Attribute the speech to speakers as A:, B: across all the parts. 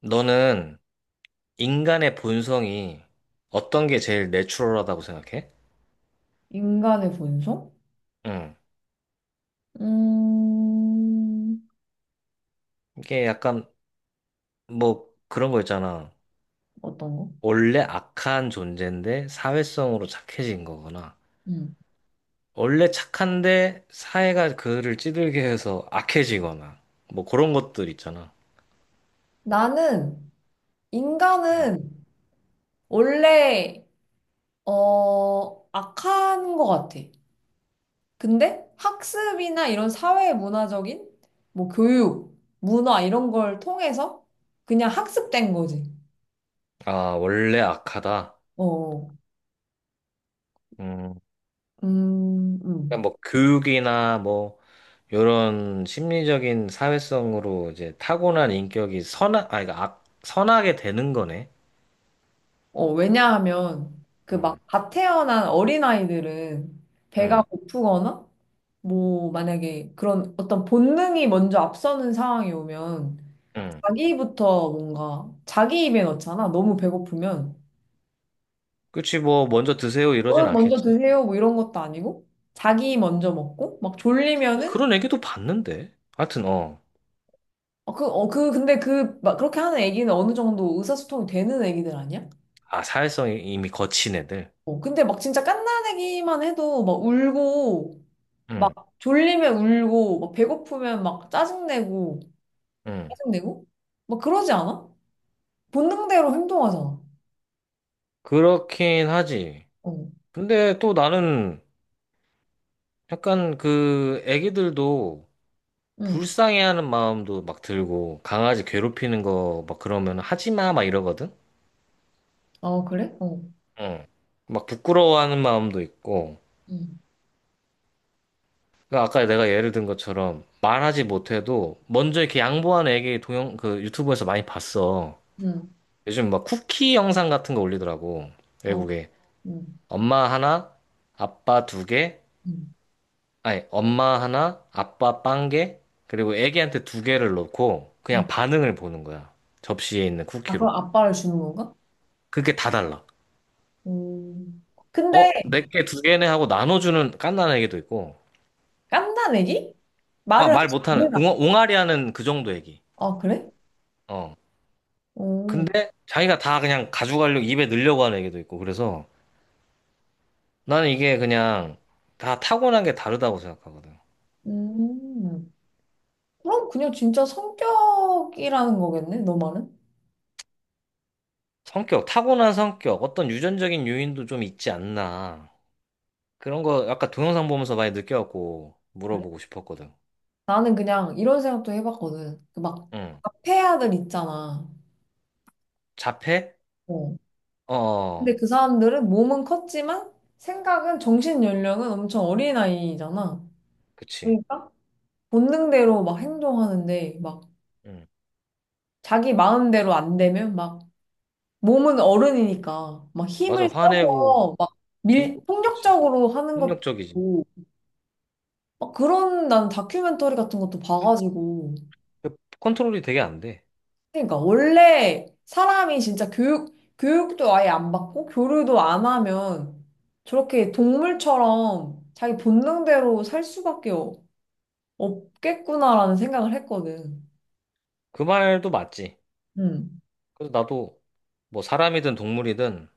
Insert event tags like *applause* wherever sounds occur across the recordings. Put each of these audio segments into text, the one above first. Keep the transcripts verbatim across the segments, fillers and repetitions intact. A: 너는 인간의 본성이 어떤 게 제일 내추럴하다고 생각해?
B: 인간의 본성?
A: 응.
B: 음,
A: 이게 약간 뭐 그런 거 있잖아.
B: 어떤 거?
A: 원래 악한 존재인데 사회성으로 착해진 거거나,
B: 음.
A: 원래 착한데 사회가 그를 찌들게 해서 악해지거나, 뭐 그런 것들 있잖아.
B: 나는,
A: 응.
B: 인간은 원래, 어, 악한 것 같아. 근데 학습이나 이런 사회 문화적인, 뭐 교육, 문화 이런 걸 통해서 그냥 학습된 거지.
A: 아, 원래 악하다.
B: 어, 어.
A: 음.
B: 음, 음.
A: 그러니까 뭐 교육이나 뭐 이런 심리적인 사회성으로 이제 타고난 인격이 선악 아니 그러니까 악 선하게 되는 거네.
B: 어, 왜냐하면 그 막
A: 응
B: 갓 태어난 어린아이들은 배가
A: 응
B: 고프거나 뭐, 만약에 그런 어떤 본능이 먼저 앞서는 상황이 오면
A: 응.
B: 자기부터 뭔가 자기 입에 넣잖아. 너무 배고프면.
A: 그치 뭐 먼저 드세요 이러진
B: 얼른 먼저
A: 않겠지.
B: 드세요. 뭐 이런 것도 아니고 자기 먼저 먹고 막
A: 근데
B: 졸리면은
A: 그런 애기도 봤는데. 하여튼 어.
B: 어, 그, 어, 그, 근데 그, 막 그렇게 하는 애기는 어느 정도 의사소통이 되는 애기들 아니야?
A: 아, 사회성이 이미 거친 애들.
B: 어, 근데 막 진짜 갓난 애기만 해도 막 울고 막
A: 응
B: 졸리면 울고 막 배고프면 막 짜증내고
A: 응.
B: 짜증내고 막 그러지 않아? 본능대로 행동하잖아.
A: 그렇긴 하지.
B: 어.
A: 근데 또 나는 약간 그 애기들도
B: 응.
A: 불쌍해하는 마음도 막 들고 강아지 괴롭히는 거 막 그러면 하지 마 막 이러거든.
B: 어, 그래? 어.
A: 어. 막 부끄러워하는 마음도 있고,
B: 응.
A: 그러니까 아까 내가 예를 든 것처럼 말하지 못해도 먼저 이렇게 양보하는 애기 동영, 그 유튜브에서 많이 봤어.
B: 응.
A: 요즘 막 쿠키 영상 같은 거 올리더라고.
B: 어.
A: 외국에.
B: 응.
A: 엄마 하나, 아빠 두 개,
B: 응.
A: 아니, 엄마 하나, 아빠 빵 개, 그리고 애기한테 두 개를 넣고 그냥
B: 응.
A: 반응을 보는 거야. 접시에 있는
B: 아,
A: 쿠키로.
B: 그럼 아빠를 주는 건가?
A: 그게 다 달라.
B: 음. 근데
A: 어, 내게 두 개네 하고 나눠주는 갓난 애기도 있고,
B: 깐난애기?
A: 아,
B: 말을 할
A: 말
B: 수
A: 못하는,
B: 있는
A: 웅,
B: 아이.
A: 옹알이 하는 그 정도 애기.
B: 아, 그래?
A: 어.
B: 오.
A: 근데 자기가 다 그냥 가져가려고 입에 넣으려고 하는 애기도 있고 그래서 나는 이게 그냥 다 타고난 게 다르다고 생각하거든.
B: 음. 그럼 그냥 진짜 성격이라는 거겠네, 너 말은?
A: 성격, 타고난 성격, 어떤 유전적인 요인도 좀 있지 않나. 그런 거 아까 동영상 보면서 많이 느껴갖고
B: 그래?
A: 물어보고 싶었거든.
B: 나는 그냥 이런 생각도 해봤거든. 그막
A: 응.
B: 카페 아들 있잖아.
A: 자폐?
B: 어.
A: 어,
B: 근데
A: 어.
B: 그 사람들은 몸은 컸지만 생각은 정신 연령은 엄청 어린아이잖아.
A: 그치.
B: 그러니까 본능대로 막 행동하는데 막
A: 응.
B: 자기 마음대로 안 되면 막 몸은 어른이니까 막
A: 맞아,
B: 힘을
A: 화내고,
B: 써서 막
A: 응?
B: 밀,
A: 그치.
B: 폭력적으로 하는 것도
A: 폭력적이지.
B: 있고 막 그런 난 다큐멘터리 같은 것도 봐가지고
A: 그 컨트롤이 되게 안 돼.
B: 그러니까 원래 사람이 진짜 교육 교육도 아예 안 받고 교류도 안 하면 저렇게 동물처럼 자기 본능대로 살 수밖에 없- 없겠구나라는 생각을 했거든.
A: 그 말도 맞지.
B: 음.
A: 그래서 나도 뭐 사람이든 동물이든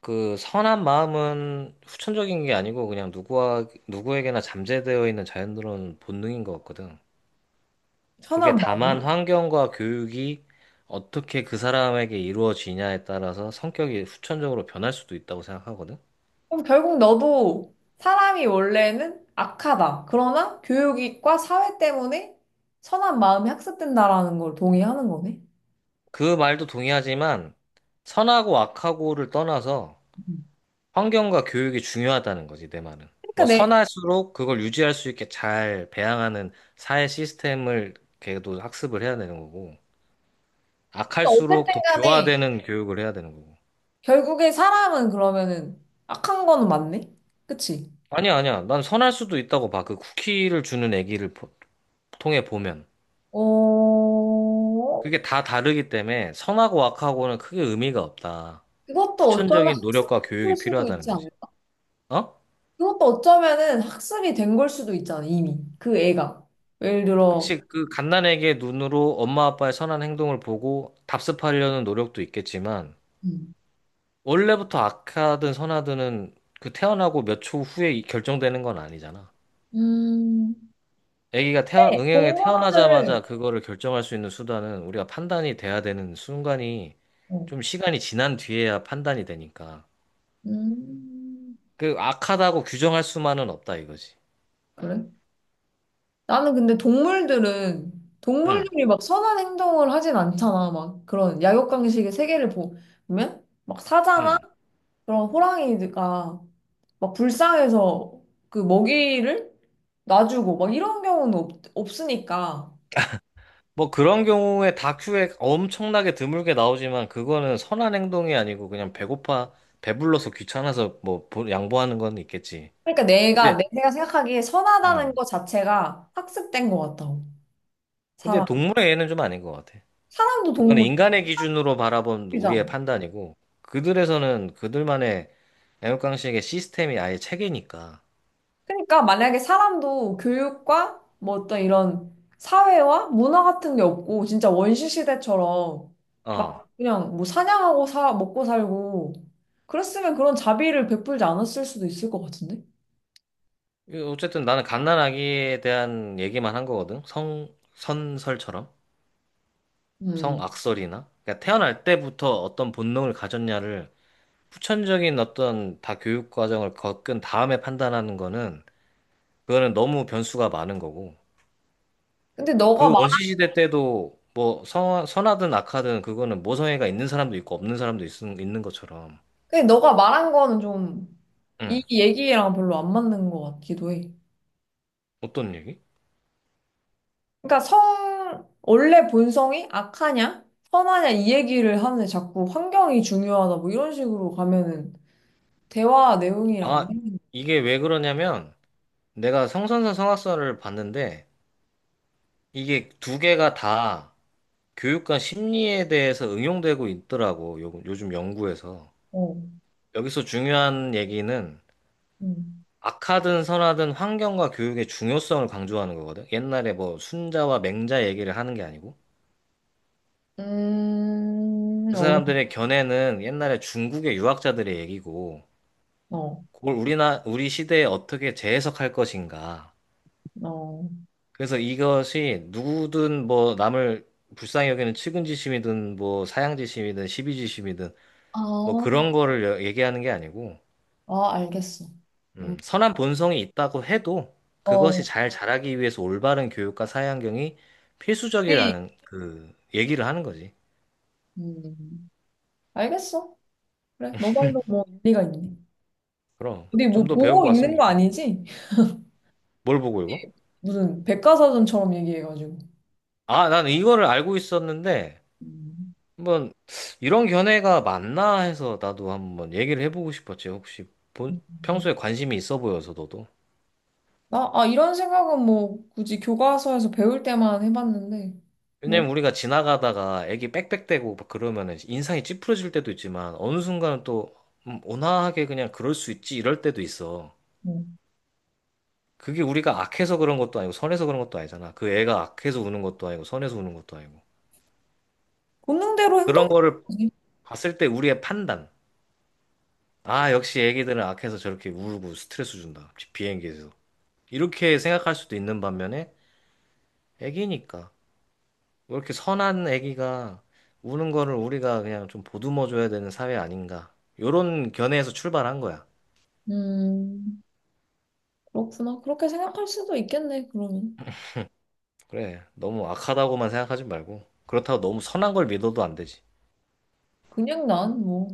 A: 그 선한 마음은 후천적인 게 아니고 그냥 누구와, 누구에게나 잠재되어 있는 자연스러운 본능인 것 같거든. 그게
B: 선한
A: 다만
B: 마음이.
A: 환경과 교육이 어떻게 그 사람에게 이루어지냐에 따라서 성격이 후천적으로 변할 수도 있다고 생각하거든.
B: 그럼 결국 너도 사람이 원래는 악하다. 그러나 교육과 사회 때문에 선한 마음이 학습된다라는 걸 동의하는 거네.
A: 그 말도 동의하지만 선하고 악하고를 떠나서
B: 음.
A: 환경과 교육이 중요하다는 거지, 내 말은.
B: 그러니까
A: 뭐
B: 내,
A: 선할수록 그걸 유지할 수 있게 잘 배양하는 사회 시스템을 걔도 학습을 해야 되는 거고.
B: 그러니까
A: 악할수록
B: 어쨌든
A: 더
B: 간에
A: 교화되는 교육을 해야 되는 거고.
B: 결국에 사람은 그러면은 악한 거는 맞네? 그치?
A: 아니야, 아니야. 난 선할 수도 있다고 봐. 그 쿠키를 주는 애기를 보- 통해 보면.
B: 어,
A: 그게 다 다르기 때문에 선하고 악하고는 크게 의미가 없다.
B: 그것도 어쩌면
A: 후천적인 노력과
B: 학습될
A: 교육이
B: 수도
A: 필요하다는
B: 있지
A: 거지.
B: 않을까?
A: 어?
B: 그것도 어쩌면은 학습이 된 걸 수도 있잖아, 이미. 그 애가. 예를 들어,
A: 그치, 그 갓난에게 눈으로 엄마 아빠의 선한 행동을 보고 답습하려는 노력도 있겠지만,
B: 음.
A: 원래부터 악하든 선하든은 그 태어나고 몇 초 후에 이- 결정되는 건 아니잖아.
B: 음,
A: 아기가 태어,
B: 데
A: 응형에
B: 공부를,
A: 태어나자마자 그거를 결정할 수 있는 수단은 우리가 판단이 돼야 되는 순간이
B: 어,
A: 좀 시간이 지난 뒤에야 판단이 되니까.
B: 음,
A: 그 악하다고 규정할 수만은 없다 이거지.
B: 그래? 나는 근데 동물들은,
A: 응,
B: 동물들이 막 선한 행동을 하진 않잖아. 막 그런 약육강식의 세계를 보- 보면, 막 사자나
A: 응.
B: 그런 호랑이가 막 불쌍해서 그 먹이를 놔주고 막 이런 경우는 없, 없으니까.
A: 뭐 그런 경우에 다큐에 엄청나게 드물게 나오지만 그거는 선한 행동이 아니고 그냥 배고파, 배불러서 귀찮아서 뭐 보- 양보하는 건 있겠지.
B: 그러니까
A: 네.
B: 내가, 내- 내가 생각하기에 선하다는
A: 응.
B: 것 자체가 학습된 것 같다고.
A: 근데
B: 사람.
A: 동물의 애는 좀 아닌 것 같아.
B: 사람도
A: 그건
B: 동물이잖아.
A: 인간의 기준으로 바라본 우리의 판단이고, 그들에서는 그들만의 애국강식의 시스템이 아예 체계니까.
B: 그러니까 만약에 사람도 교육과 뭐 어떤 이런 사회와 문화 같은 게 없고 진짜 원시 시대처럼
A: 어.
B: 막 그냥 뭐 사냥하고 사 먹고 살고 그랬으면 그런 자비를 베풀지 않았을 수도 있을 것 같은데.
A: 이거 어쨌든 나는 갓난아기에 대한 얘기만 한 거거든. 성, 선설처럼.
B: 음.
A: 성악설이나. 그러니까 태어날 때부터 어떤 본능을 가졌냐를 후천적인 어떤 다 교육 과정을 겪은 다음에 판단하는 거는, 그거는 너무 변수가 많은 거고.
B: 근데 너가
A: 그
B: 말
A: 원시시대 때도 뭐 선, 선하든 악하든 그거는 모성애가 있는 사람도 있고 없는 사람도 있, 있는 것처럼.
B: 근데 너가 말한 거는 좀 이
A: 응.
B: 얘기랑 별로 안 맞는 것 같기도 해.
A: 어떤 얘기?
B: 그러니까 성 원래 본성이 악하냐 선하냐 이 얘기를 하는데 자꾸 환경이 중요하다 뭐 이런 식으로 가면은 대화 내용이랑
A: 아, 이게 왜 그러냐면 내가 성선설 성악설을 봤는데 이게 두 개가 다 교육과 심리에 대해서 응용되고 있더라고. 요, 요즘 연구에서.
B: 어,
A: 여기서 중요한 얘기는
B: 음,
A: 악하든 선하든 환경과 교육의 중요성을 강조하는 거거든. 옛날에 뭐 순자와 맹자 얘기를 하는 게 아니고.
B: 음,
A: 그
B: 어
A: 사람들의 견해는 옛날에 중국의 유학자들의 얘기고,
B: 어,
A: 그걸 우리나, 우리 시대에 어떻게 재해석할 것인가.
B: 어.
A: 그래서 이것이 누구든 뭐 남을 불쌍히 여기는 측은지심이든 뭐 사양지심이든 시비지심이든
B: 아,
A: 뭐 그런 거를 여- 얘기하는 게 아니고,
B: 아, 알겠어. 음,
A: 음, 선한 본성이 있다고 해도 그것이
B: 어,
A: 잘 자라기 위해서 올바른 교육과 사회환경이
B: 우리
A: 필수적이라는 그 얘기를 하는 거지.
B: 음, 알겠어. 그래, 너 말도 뭐 일리가 있네.
A: 그럼
B: 우리 뭐
A: 좀 더 배우고
B: 보고
A: 왔으면
B: 있는 거
A: 좋겠네.
B: 아니지?
A: 뭘 보고 이거?
B: 무슨 백과사전처럼 얘기해가지고.
A: 아, 난 이거를 알고 있었는데,
B: 음.
A: 한번 이런 견해가 맞나 해서 나도 한번 얘기를 해보고 싶었지. 혹시 본, 평소에 관심이 있어 보여서 너도.
B: 나, 아, 이런 생각은 뭐 굳이 교과서에서 배울 때만 해봤는데, 뭐,
A: 왜냐면 우리가 지나가다가 애기 빽빽대고 막 그러면은 인상이 찌푸려질 때도 있지만 어느 순간은 또 음, 온화하게 그냥 그럴 수 있지 이럴 때도 있어.
B: 뭐
A: 그게 우리가 악해서 그런 것도 아니고 선해서 그런 것도 아니잖아. 그 애가 악해서 우는 것도 아니고 선해서 우는 것도 아니고.
B: 본능대로
A: 그런 거를
B: 행동하지.
A: 봤을 때 우리의 판단. 아, 역시 애기들은 악해서 저렇게 울고 스트레스 준다. 비행기에서. 이렇게 생각할 수도 있는 반면에 애기니까. 왜 이렇게 선한 애기가 우는 거를 우리가 그냥 좀 보듬어 줘야 되는 사회 아닌가. 요런 견해에서 출발한 거야.
B: 음, 그렇구나. 그렇게 생각할 수도 있겠네, 그러면.
A: 그래. 너무 악하다고만 생각하지 말고. 그렇다고 너무 선한 걸 믿어도 안 되지.
B: 그냥 난 뭐.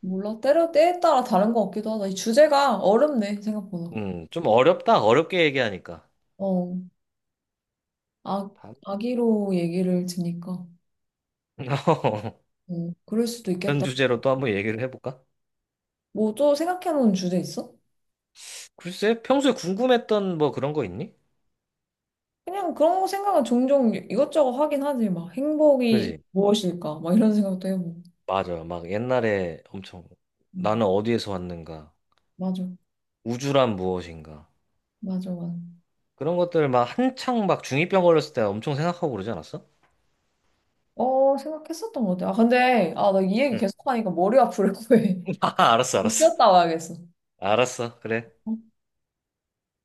B: 몰라. 때려, 때에 따라 다른 것 같기도 하다. 이 주제가 어렵네, 생각보다.
A: 음, 좀 어렵다. 어렵게 얘기하니까.
B: 어, 아,
A: 다음-
B: 아기로 얘기를 드니까.
A: *laughs*
B: 어, 그럴 수도
A: 이런
B: 있겠다.
A: 주제로 또 한번 얘기를 해볼까?
B: 뭐 또 생각해놓은 주제 있어?
A: 글쎄, 평소에 궁금했던 뭐 그런 거 있니?
B: 그냥 그런 거 생각은 종종 이것저것 하긴 하지. 막 행복이
A: 그지?
B: 무엇일까? 막 이런 생각도 해보고.
A: 맞아. 막 옛날에 엄청
B: 음,
A: 나는 어디에서 왔는가?
B: 맞아.
A: 우주란 무엇인가?
B: 맞아, 맞아.
A: 그런 것들 막 한창 막 중이병 걸렸을 때 엄청 생각하고 그러지 않았어?
B: 어, 생각했었던 것 같아. 아, 근데, 아, 나 이 얘기
A: 응.
B: 계속하니까 머리 아프려고 해.
A: *laughs* 아, 알았어,
B: *laughs* 좀
A: 알았어.
B: 쉬었다 와야겠어.
A: 알았어, 그래.